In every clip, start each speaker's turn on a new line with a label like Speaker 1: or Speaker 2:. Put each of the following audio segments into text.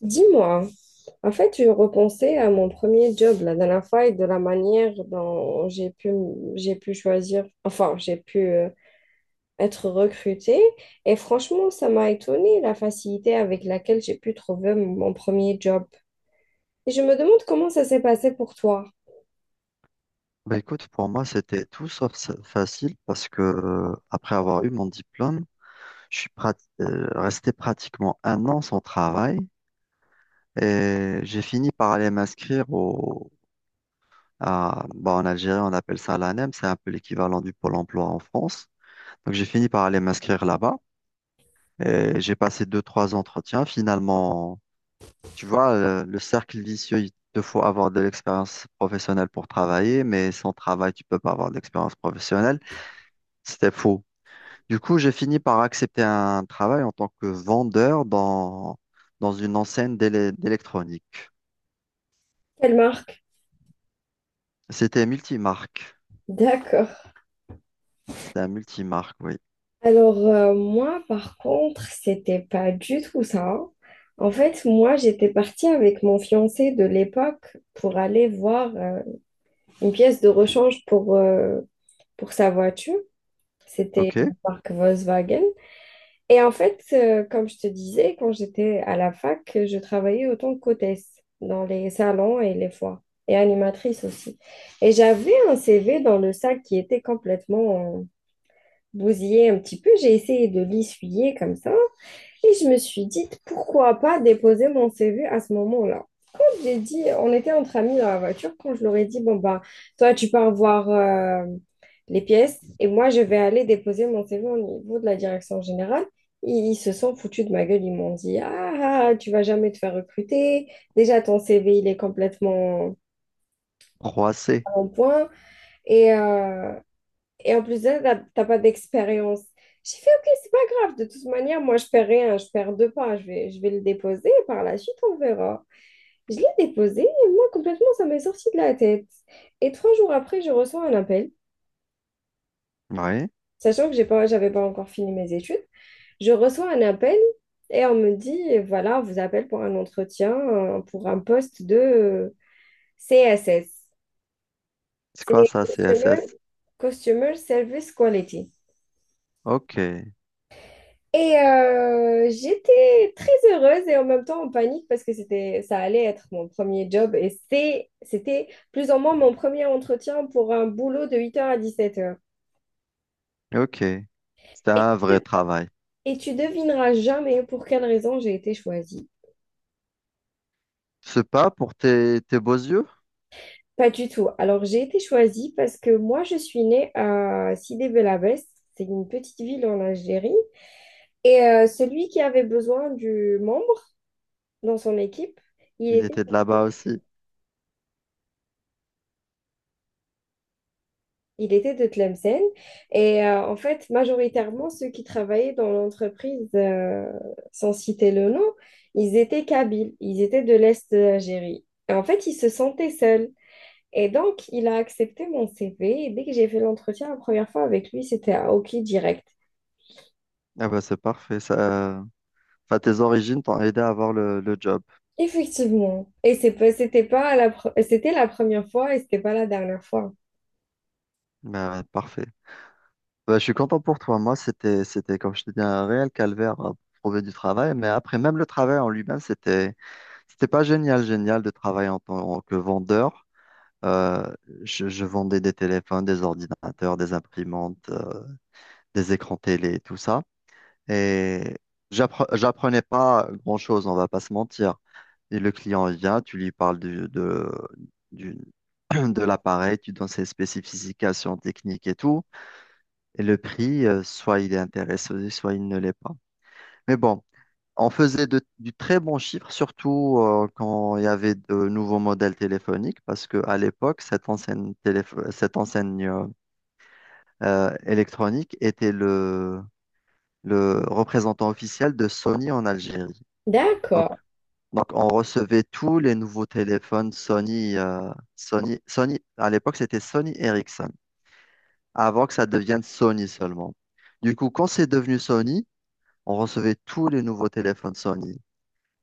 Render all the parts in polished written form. Speaker 1: Dis-moi, en fait, je repensais à mon premier job la dernière fois et de la manière dont j'ai pu choisir, enfin, j'ai pu être recrutée. Et franchement, ça m'a étonnée la facilité avec laquelle j'ai pu trouver mon premier job. Et je me demande comment ça s'est passé pour toi.
Speaker 2: Bah écoute, pour moi, c'était tout sauf facile parce que après avoir eu mon diplôme, je suis resté pratiquement un an sans travail et j'ai fini par aller m'inscrire au bah, en Algérie, on appelle ça l'ANEM, c'est un peu l'équivalent du Pôle emploi en France. Donc j'ai fini par aller m'inscrire là-bas et j'ai passé deux, trois entretiens. Finalement, tu vois, le cercle vicieux, il te faut avoir de l'expérience professionnelle pour travailler, mais sans travail, tu peux pas avoir d'expérience professionnelle. C'était faux. Du coup, j'ai fini par accepter un travail en tant que vendeur dans une enseigne d'électronique.
Speaker 1: Quelle marque?
Speaker 2: C'était multimarque.
Speaker 1: D'accord.
Speaker 2: C'était un multimarque, oui.
Speaker 1: Alors, moi, par contre, c'était pas du tout ça. En fait, moi, j'étais partie avec mon fiancé de l'époque pour aller voir une pièce de rechange pour sa voiture. C'était
Speaker 2: OK.
Speaker 1: une marque Volkswagen. Et en fait, comme je te disais, quand j'étais à la fac, je travaillais autant que qu'hôtesse dans les salons et les foires, et animatrice aussi. Et j'avais un CV dans le sac qui était complètement bousillé un petit peu. J'ai essayé de l'essuyer comme ça. Et je me suis dit, pourquoi pas déposer mon CV à ce moment-là. J'ai dit, on était entre amis dans la voiture quand je leur ai dit, bon, bah, toi, tu pars voir les pièces et moi, je vais aller déposer mon CV au niveau de la direction générale. Ils se sont foutus de ma gueule. Ils m'ont dit, ah, ah, ah, tu vas jamais te faire recruter. Déjà, ton CV, il est complètement
Speaker 2: 3C.
Speaker 1: en point. Et euh, et en plus de ça, t'as pas d'expérience. J'ai fait, OK, c'est pas grave. De toute manière, moi, je perds rien. Je perds deux pas. Je vais le déposer. Et par la suite, on verra. Je l'ai déposé. Et moi, complètement, ça m'est sorti de la tête. Et 3 jours après, je reçois un appel.
Speaker 2: Oui.
Speaker 1: Sachant que j'avais pas encore fini mes études. Je reçois un appel. Et on me dit, voilà, on vous appelle pour un entretien pour un poste de CSS.
Speaker 2: C'est quoi
Speaker 1: C'est
Speaker 2: ça,
Speaker 1: Customer,
Speaker 2: CSS?
Speaker 1: Customer Service Quality.
Speaker 2: OK.
Speaker 1: Et j'étais très heureuse et en même temps en panique parce que ça allait être mon premier job et c'était plus ou moins mon premier entretien pour un boulot de 8h à 17h.
Speaker 2: OK. C'était
Speaker 1: Et,
Speaker 2: un vrai travail.
Speaker 1: et tu devineras jamais pour quelle raison j'ai été choisie.
Speaker 2: C'est pas pour tes beaux yeux?
Speaker 1: Pas du tout. Alors j'ai été choisie parce que moi je suis née à Sidi Belabès, c'est une petite ville en Algérie. Et celui qui avait besoin du membre dans son équipe, il
Speaker 2: Il
Speaker 1: était
Speaker 2: était de là-bas aussi.
Speaker 1: Il était de Tlemcen. Et en fait, majoritairement, ceux qui travaillaient dans l'entreprise, sans citer le nom, ils étaient Kabyles. Ils étaient de l'Est de l'Algérie. Et en fait, ils se sentaient seuls. Et donc, il a accepté mon CV. Et dès que j'ai fait l'entretien la première fois avec lui, c'était à OK direct.
Speaker 2: Ah bah c'est parfait. Ça... Enfin, tes origines t'ont aidé à avoir le job.
Speaker 1: Effectivement. Et c'était la première fois et c'était pas la dernière fois.
Speaker 2: Bah, ouais, parfait. Bah, je suis content pour toi. Moi, comme je te dis, un réel calvaire pour trouver du travail. Mais après, même le travail en lui-même, c'était pas génial, génial de travailler en tant que vendeur. Euh, je vendais des téléphones, des ordinateurs, des imprimantes, des écrans télé, tout ça. Et j'apprenais pas grand-chose, on va pas se mentir. Et le client vient, tu lui parles de, du- de l'appareil, tu donnes ses spécifications techniques et tout. Et le prix, soit il est intéressé, soit il ne l'est pas. Mais bon, on faisait du très bon chiffre, surtout quand il y avait de nouveaux modèles téléphoniques, parce qu'à l'époque, cette enseigne électronique était le représentant officiel de Sony en Algérie. Donc,
Speaker 1: D'accord.
Speaker 2: donc on recevait tous les nouveaux téléphones Sony. Sony à l'époque, c'était Sony Ericsson, avant que ça devienne Sony seulement. Du coup, quand c'est devenu Sony, on recevait tous les nouveaux téléphones Sony.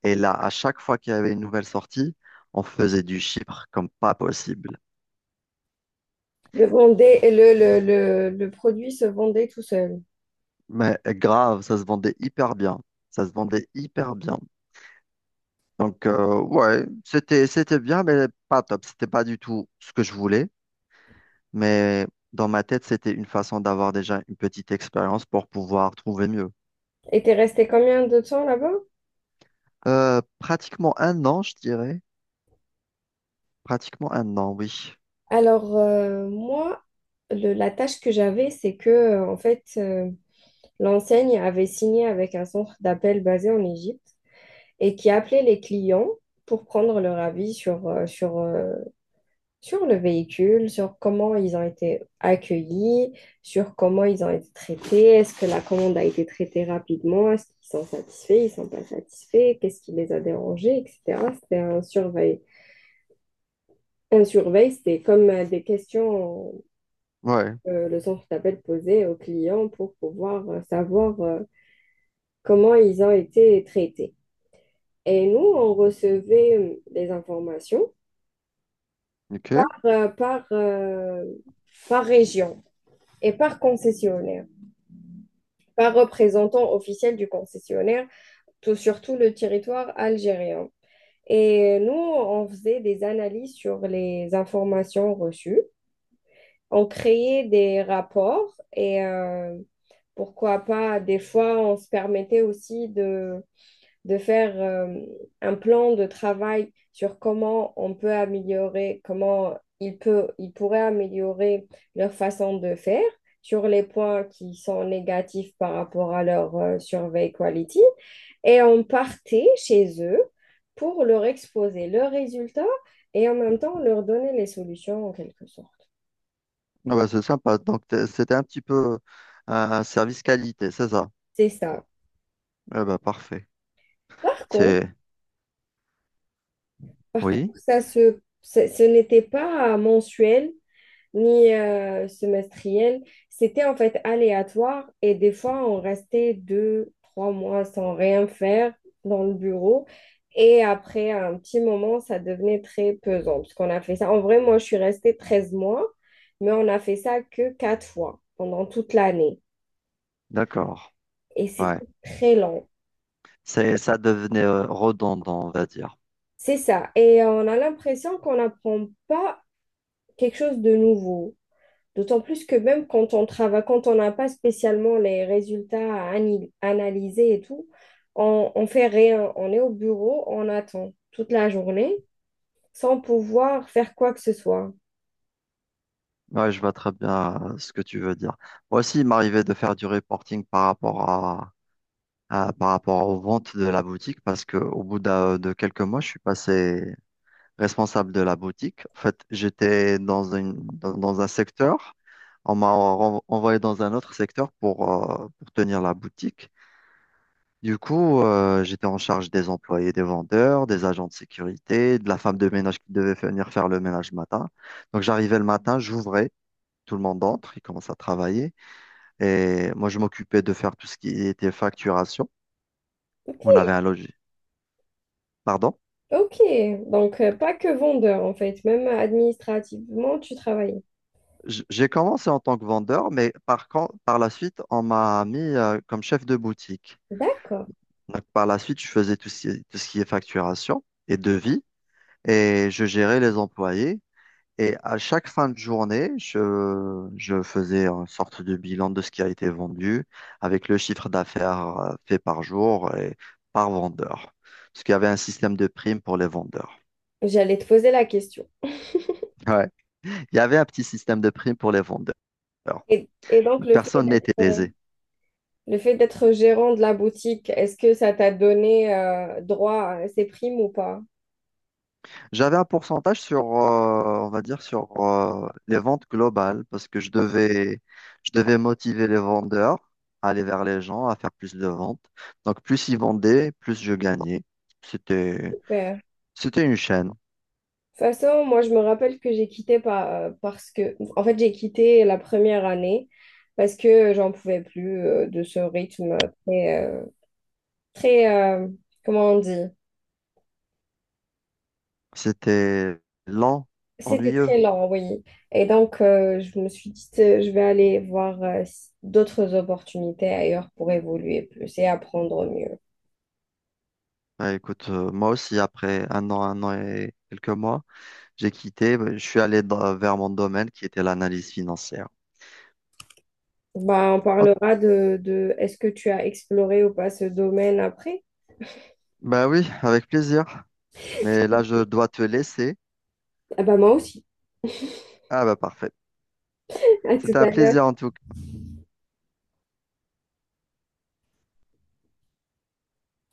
Speaker 2: Et là, à chaque fois qu'il y avait une nouvelle sortie, on faisait du chiffre comme pas possible.
Speaker 1: Le, vendait- le produit se vendait tout seul.
Speaker 2: Mais grave, ça se vendait hyper bien. Ça se vendait hyper bien. Donc, ouais, c'était bien, mais pas top. C'était pas du tout ce que je voulais. Mais dans ma tête, c'était une façon d'avoir déjà une petite expérience pour pouvoir trouver mieux.
Speaker 1: Et t'es resté combien de temps là-bas?
Speaker 2: Pratiquement un an, je dirais. Pratiquement un an, oui.
Speaker 1: Alors, moi, la tâche que j'avais, c'est que, en fait, l'enseigne avait signé avec un centre d'appel basé en Égypte et qui appelait les clients pour prendre leur avis sur le véhicule, sur comment ils ont été accueillis, sur comment ils ont été traités, est-ce que la commande a été traitée rapidement, est-ce qu'ils sont satisfaits, ils ne sont pas satisfaits, qu'est-ce qui les a dérangés, etc. C'était un surveil. Un surveil, c'était comme des questions
Speaker 2: Ouais.
Speaker 1: que le centre d'appel posait aux clients pour pouvoir savoir comment ils ont été traités. Et nous, on recevait des informations
Speaker 2: Ok.
Speaker 1: euh, par, euh, par région et par concessionnaire, par représentant officiel du concessionnaire, tout, sur tout le territoire algérien. Et nous, on faisait des analyses sur les informations reçues. On créait des rapports et pourquoi pas, des fois, on se permettait aussi de faire un plan de travail sur comment on peut améliorer, comment ils pourraient améliorer leur façon de faire sur les points qui sont négatifs par rapport à leur survey quality. Et on partait chez eux pour leur exposer leurs résultats et en même temps leur donner les solutions en quelque sorte.
Speaker 2: Ah bah, c'est sympa. Donc, c'était un petit peu un service qualité, c'est ça?
Speaker 1: C'est ça.
Speaker 2: Ah bah, parfait.
Speaker 1: Par contre,
Speaker 2: C'est,
Speaker 1: par
Speaker 2: oui,
Speaker 1: contre ça ce n'était pas mensuel ni semestriel. C'était en fait aléatoire et des fois, on restait deux, trois mois sans rien faire dans le bureau. Et après un petit moment, ça devenait très pesant parce qu'on a fait ça. En vrai, moi, je suis restée 13 mois, mais on a fait ça que 4 fois pendant toute l'année.
Speaker 2: d'accord.
Speaker 1: Et c'est
Speaker 2: Ouais.
Speaker 1: très long.
Speaker 2: C'est, ça devenait redondant, on va dire.
Speaker 1: C'est ça. Et on a l'impression qu'on n'apprend pas quelque chose de nouveau. D'autant plus que même quand on travaille, quand on n'a pas spécialement les résultats à analyser et tout, on fait rien. On est au bureau, on attend toute la journée sans pouvoir faire quoi que ce soit.
Speaker 2: Ouais, je vois très bien ce que tu veux dire. Moi aussi, il m'arrivait de faire du reporting par rapport à, par rapport aux ventes de la boutique parce que au bout de quelques mois, je suis passé responsable de la boutique. En fait, j'étais dans un secteur, on m'a envoyé dans un autre secteur pour tenir la boutique. Du coup, j'étais en charge des employés, des vendeurs, des agents de sécurité, de la femme de ménage qui devait venir faire le ménage le matin. Donc, j'arrivais le matin, j'ouvrais, tout le monde entre, il commence à travailler. Et moi, je m'occupais de faire tout ce qui était facturation.
Speaker 1: Ok,
Speaker 2: On avait un logis. Pardon?
Speaker 1: ok. Donc, pas que vendeur en fait, même administrativement, tu travailles.
Speaker 2: J'ai commencé en tant que vendeur, mais par contre, par la suite, on m'a mis comme chef de boutique.
Speaker 1: D'accord.
Speaker 2: Donc, par la suite, je faisais tout ce qui est facturation et devis et je gérais les employés. Et à chaque fin de journée, je faisais une sorte de bilan de ce qui a été vendu avec le chiffre d'affaires fait par jour et par vendeur. Parce qu'il y avait un système de primes pour les vendeurs.
Speaker 1: J'allais te poser la question.
Speaker 2: Ouais. Il y avait un petit système de primes pour les vendeurs.
Speaker 1: Et donc, le fait
Speaker 2: Personne n'était lésé.
Speaker 1: le fait d'être gérant de la boutique, est-ce que ça t'a donné droit à ces primes ou pas?
Speaker 2: J'avais un pourcentage sur, on va dire, sur les ventes globales parce que je devais motiver les vendeurs à aller vers les gens, à faire plus de ventes. Donc, plus ils vendaient, plus je gagnais. C'était,
Speaker 1: Super. De
Speaker 2: c'était une chaîne.
Speaker 1: toute façon, moi, je me rappelle que j'ai quitté parce que, en fait, j'ai quitté la première année parce que j'en pouvais plus de ce rythme très, très, comment on dit?
Speaker 2: C'était lent,
Speaker 1: C'était
Speaker 2: ennuyeux.
Speaker 1: très lent, oui. Et donc, je me suis dit, je vais aller voir d'autres opportunités ailleurs pour évoluer plus et apprendre mieux.
Speaker 2: Bah, écoute, moi aussi, après un an et quelques mois, j'ai quitté. Bah, je suis allé vers mon domaine qui était l'analyse financière.
Speaker 1: Bah, on
Speaker 2: Oh,
Speaker 1: parlera de est-ce que tu as exploré ou pas ce domaine après?
Speaker 2: bah oui, avec plaisir. Mais là, je dois te laisser.
Speaker 1: Ah bah moi aussi.
Speaker 2: Ah bah parfait.
Speaker 1: À tout
Speaker 2: C'était un
Speaker 1: à l'heure.
Speaker 2: plaisir en tout cas.